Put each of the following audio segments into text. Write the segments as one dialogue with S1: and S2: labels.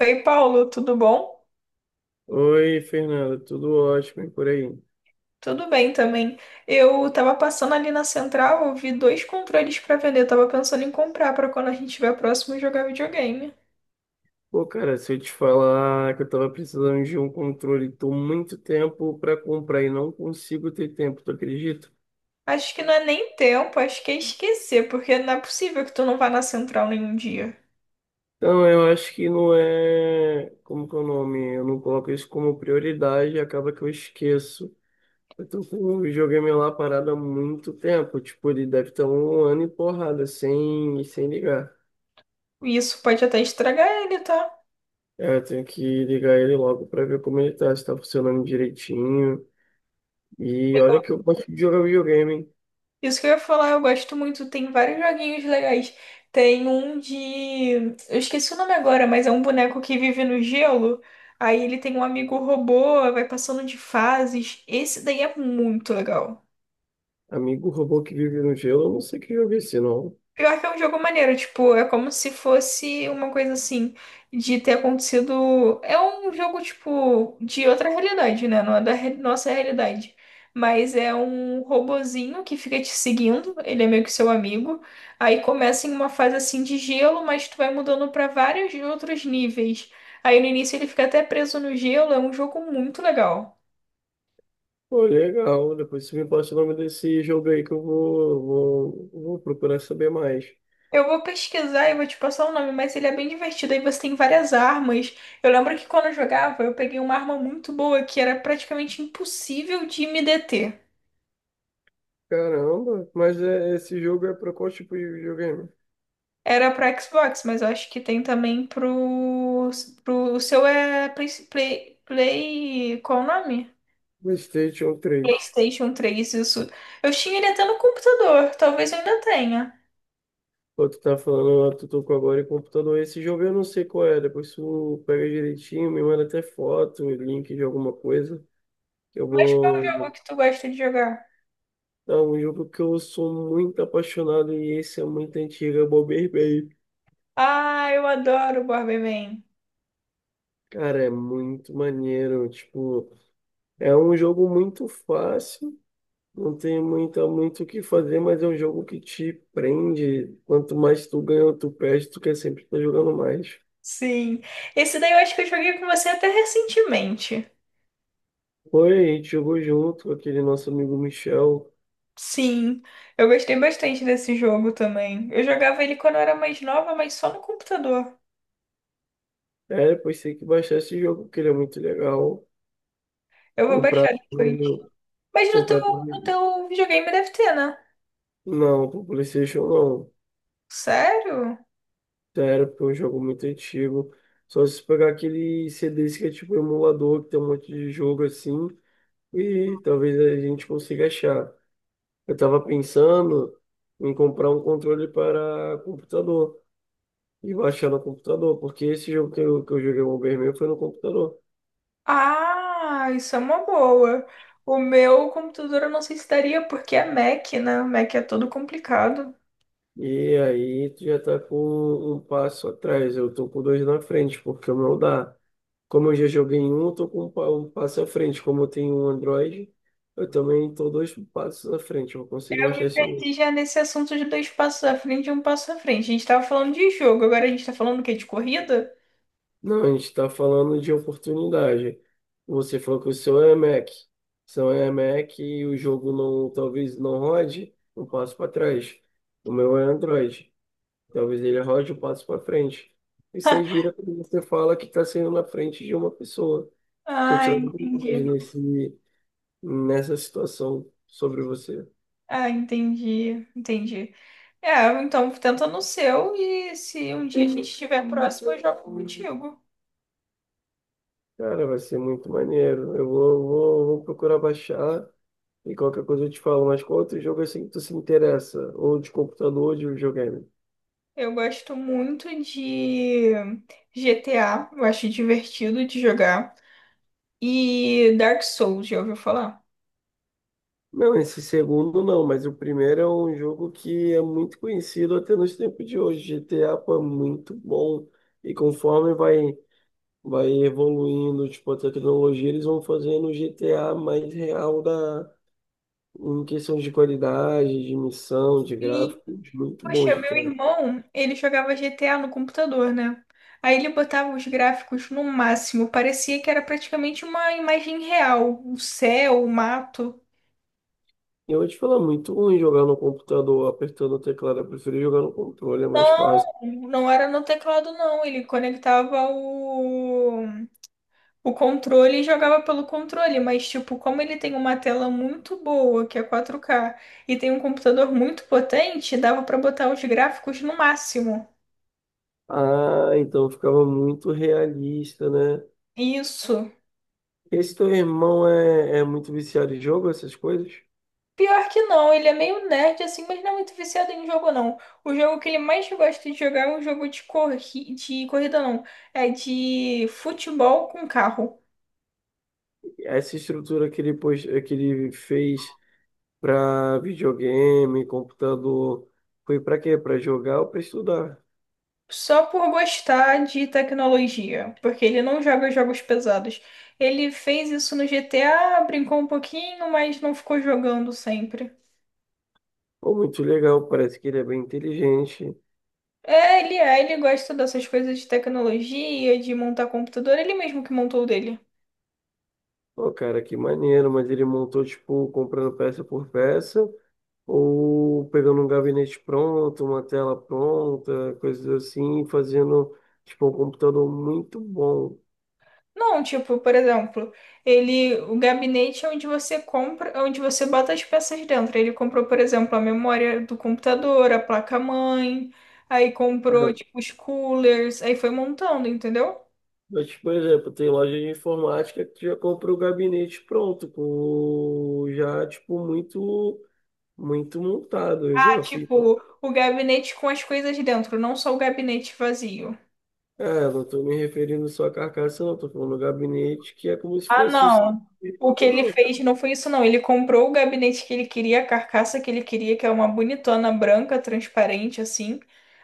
S1: Oi, Paulo, tudo bom?
S2: Oi, Fernanda, tudo ótimo e por aí?
S1: Tudo bem também. Eu tava passando ali na central, eu vi dois controles pra vender. Eu tava pensando em comprar pra quando a gente estiver próximo jogar videogame.
S2: Pô, cara, se eu te falar que eu tava precisando de um controle, tô muito tempo pra comprar e não consigo ter tempo, tu acredita?
S1: Acho que não é nem tempo, acho que é esquecer, porque não é possível que tu não vá na central nenhum dia.
S2: Então, eu acho que não é. Como que é o nome? Eu não coloco isso como prioridade e acaba que eu esqueço. Eu tô com o videogame lá parado há muito tempo, tipo, ele deve estar um ano e porrada, sem ligar.
S1: E isso pode até estragar ele, tá?
S2: É, eu tenho que ligar ele logo pra ver como ele tá, se tá funcionando direitinho. E olha que eu gosto de jogar videogame, hein?
S1: Isso que eu ia falar, eu gosto muito. Tem vários joguinhos legais. Tem um de. Eu esqueci o nome agora, mas é um boneco que vive no gelo. Aí ele tem um amigo robô, vai passando de fases. Esse daí é muito legal.
S2: Amigo robô que vive no gelo, eu não sei que jogo é esse, não.
S1: Pior que é um jogo maneiro, tipo, é como se fosse uma coisa assim, de ter acontecido. É um jogo, tipo, de outra realidade, né? Não é da nossa realidade. Mas é um robozinho que fica te seguindo, ele é meio que seu amigo. Aí começa em uma fase assim de gelo, mas tu vai mudando pra vários outros níveis. Aí no início ele fica até preso no gelo, é um jogo muito legal.
S2: Pô, legal. Depois você me passa o nome desse jogo aí que eu vou procurar saber mais.
S1: Eu vou pesquisar e vou te passar o nome, mas ele é bem divertido. Aí você tem várias armas. Eu lembro que quando eu jogava, eu peguei uma arma muito boa que era praticamente impossível de me deter.
S2: Caramba, mas é, esse jogo é pra qual tipo de videogame?
S1: Era para Xbox, mas eu acho que tem também pro o seu é qual o nome?
S2: PlayStation 3.
S1: PlayStation 3 isso. Eu tinha ele até no computador, talvez eu ainda tenha.
S2: Pô, tu tá falando, ó, tu tocou agora em computador. Esse jogo eu não sei qual é. Depois tu pega direitinho, me manda até foto, link de alguma coisa. Eu
S1: Mas qual é o jogo
S2: vou.
S1: que tu gosta de jogar?
S2: Não, um jogo que eu sou muito apaixonado e esse é muito antigo, é o Bomberman.
S1: Ah, eu adoro Bomberman.
S2: Cara, é muito maneiro. Tipo, é um jogo muito fácil, não tem muito o que fazer, mas é um jogo que te prende. Quanto mais tu ganha, ou tu perde, tu quer sempre estar jogando mais.
S1: Sim. Esse daí eu acho que eu joguei com você até recentemente.
S2: Foi, a gente jogou junto com aquele nosso amigo Michel.
S1: Sim, eu gostei bastante desse jogo também. Eu jogava ele quando eu era mais nova, mas só no computador.
S2: É, depois tem que baixar esse jogo, porque ele é muito legal.
S1: Eu vou
S2: Comprar,
S1: baixar depois.
S2: ele-
S1: Mas no teu,
S2: comprar.
S1: no
S2: ele-
S1: teu videogame deve ter, né?
S2: Não, pro PlayStation não.
S1: Sério?
S2: Sério, porque é um jogo muito antigo. Só se pegar aquele CDs que é tipo emulador, que tem um monte de jogo assim, e talvez a gente consiga achar. Eu tava pensando em comprar um controle para computador e baixar no computador, porque esse jogo que eu joguei o Bomberman foi no computador.
S1: Ah, isso é uma boa. O meu computador eu não sei se daria, porque é Mac, né? Mac é todo complicado.
S2: E aí tu já tá com um passo atrás, eu tô com dois na frente, porque o meu dá. Como eu já joguei em um, eu tô com um passo à frente. Como eu tenho um Android, eu também tô dois passos à frente. Eu consegui baixar esse jogo.
S1: E já nesse assunto de dois passos à frente e um passo à frente. A gente tava falando de jogo, agora a gente tá falando o quê? De corrida?
S2: Não, a gente está falando de oportunidade. Você falou que o seu é Mac. Seu é Mac e o jogo não, talvez não rode, um passo para trás. O meu é Android. Talvez ele rode um passo para frente. E você gira quando você fala que está sendo na frente de uma pessoa. Estou
S1: Ah,
S2: tirando vantagem
S1: entendi.
S2: nessa situação sobre você.
S1: Ah, entendi. É, então tenta no seu e se um dia a gente estiver próximo, eu jogo contigo.
S2: Cara, vai ser muito maneiro. Eu vou procurar baixar e qualquer coisa eu te falo. Mas qual outro jogo assim que tu se interessa? Ou de computador ou de videogame?
S1: Eu gosto muito de GTA, eu acho divertido de jogar. E Dark Souls, já ouviu falar?
S2: Não, esse segundo não, mas o primeiro é um jogo que é muito conhecido até nos tempos de hoje. GTA, pô, é muito bom. E conforme vai evoluindo, tipo, a tecnologia, eles vão fazendo o GTA mais real em questão de qualidade, de missão, de
S1: E,
S2: gráfico. Muito bom
S1: poxa, meu
S2: GTA.
S1: irmão, ele jogava GTA no computador, né? Aí ele botava os gráficos no máximo, parecia que era praticamente uma imagem real, o céu, o mato.
S2: Eu vou te falar, muito ruim jogar no computador, apertando o teclado. Eu prefiro jogar no controle, é mais
S1: Não,
S2: fácil.
S1: não era no teclado, não. Ele conectava o controle e jogava pelo controle. Mas, tipo, como ele tem uma tela muito boa, que é 4K, e tem um computador muito potente, dava pra botar os gráficos no máximo.
S2: Ah, então ficava muito realista, né?
S1: Isso.
S2: Esse teu irmão é muito viciado em jogo, essas coisas?
S1: Pior que não, ele é meio nerd assim, mas não é muito viciado em jogo, não. O jogo que ele mais gosta de jogar é um jogo de, corri de corrida, não. É de futebol com carro.
S2: Essa estrutura que ele fez para videogame, computador, foi para quê? Para jogar ou para estudar?
S1: Só por gostar de tecnologia, porque ele não joga jogos pesados. Ele fez isso no GTA, brincou um pouquinho, mas não ficou jogando sempre.
S2: Pô, muito legal, parece que ele é bem inteligente.
S1: É, ele gosta dessas coisas de tecnologia, de montar computador, ele mesmo que montou o dele.
S2: Pô, cara, que maneiro, mas ele montou, tipo, comprando peça por peça, ou pegando um gabinete pronto, uma tela pronta, coisas assim, fazendo tipo um computador muito bom.
S1: Não, tipo, por exemplo, ele, o gabinete é onde você compra, é onde você bota as peças dentro. Ele comprou, por exemplo, a memória do computador, a placa-mãe, aí comprou,
S2: É.
S1: tipo, os coolers, aí foi montando, entendeu?
S2: Mas, tipo, por exemplo, tem loja de informática que já compra o gabinete pronto, com já tipo muito muito montado. Eu já fui.
S1: Tipo, o gabinete com as coisas dentro, não só o gabinete vazio.
S2: É, não estou me referindo só à carcaça, não, estou falando do gabinete que é como se
S1: Ah,
S2: fosse o
S1: não. O que ele
S2: computador.
S1: fez não foi isso, não. Ele comprou o gabinete que ele queria, a carcaça que ele queria, que é uma bonitona branca, transparente, assim.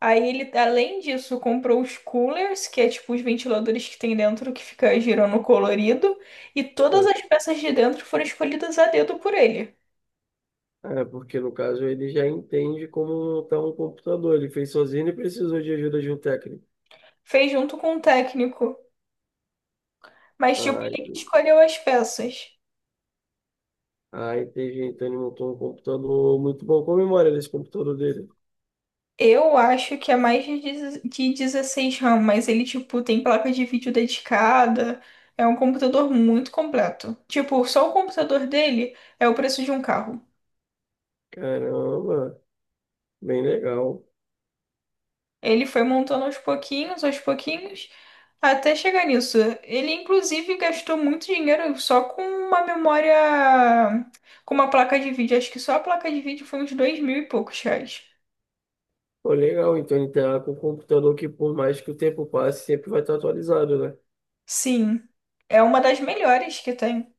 S1: Aí ele, além disso, comprou os coolers, que é tipo os ventiladores que tem dentro, que fica girando colorido. E todas as peças de dentro foram escolhidas a dedo por ele.
S2: É, porque no caso ele já entende como montar um computador. Ele fez sozinho e precisou de ajuda de um técnico.
S1: Fez junto com o técnico. Mas, tipo,
S2: Ai,
S1: ele que escolheu as peças.
S2: ai, tem então ele montou um computador muito bom. Qual a memória desse computador dele?
S1: Eu acho que é mais de 10 de 16 RAM, mas ele, tipo, tem placa de vídeo dedicada. É um computador muito completo. Tipo, só o computador dele é o preço de um carro.
S2: Caramba, bem legal.
S1: Ele foi montando aos pouquinhos, até chegar nisso. Ele, inclusive, gastou muito dinheiro só com uma memória, com uma placa de vídeo. Acho que só a placa de vídeo foi uns dois mil e poucos reais.
S2: Pô, legal, então ele tá com um computador que por mais que o tempo passe, sempre vai estar atualizado, né?
S1: Sim, é uma das melhores que tem.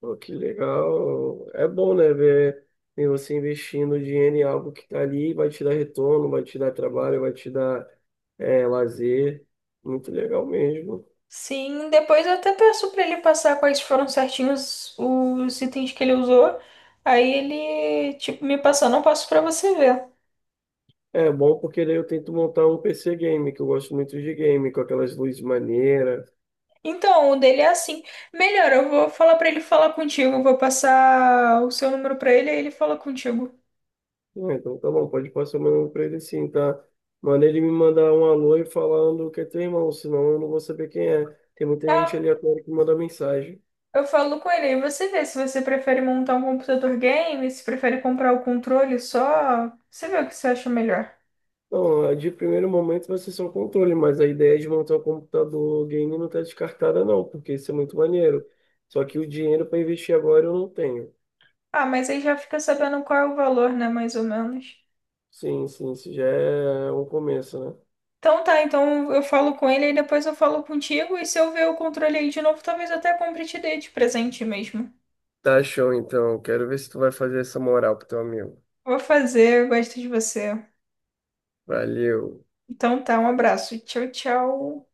S2: Pô, que legal. É bom, né, ver você investindo dinheiro em algo que tá ali, vai te dar retorno, vai te dar trabalho, vai te dar lazer. Muito legal mesmo.
S1: Sim, depois eu até peço pra ele passar quais foram certinhos os itens que ele usou. Aí ele, tipo, me passando, eu passo pra você ver.
S2: É bom porque daí eu tento montar um PC game, que eu gosto muito de game, com aquelas luzes maneiras.
S1: Então, o dele é assim. Melhor, eu vou falar pra ele falar contigo. Eu vou passar o seu número pra ele, aí ele fala contigo.
S2: Ah, então tá bom, pode passar meu número pra ele sim, tá? Manda ele me mandar um alô e falando que é teu irmão, senão eu não vou saber quem é. Tem muita gente aleatória que manda mensagem.
S1: Eu falo com ele, aí você vê se você prefere montar um computador game, se prefere comprar o controle só. Você vê o que você acha melhor.
S2: Não, de primeiro momento vai ser só o controle, mas a ideia de montar o computador game não tá descartada não, porque isso é muito maneiro. Só que o dinheiro para investir agora eu não tenho.
S1: Ah, mas aí já fica sabendo qual é o valor, né? Mais ou menos.
S2: Sim, sim, isso já é um começo, né?
S1: Então tá, então eu falo com ele e depois eu falo contigo. E se eu ver o controle aí de novo, talvez eu até compre e te dê de presente mesmo.
S2: Tá show, então. Quero ver se tu vai fazer essa moral pro teu amigo.
S1: Vou fazer, eu gosto de você.
S2: Valeu.
S1: Então tá, um abraço. Tchau, tchau.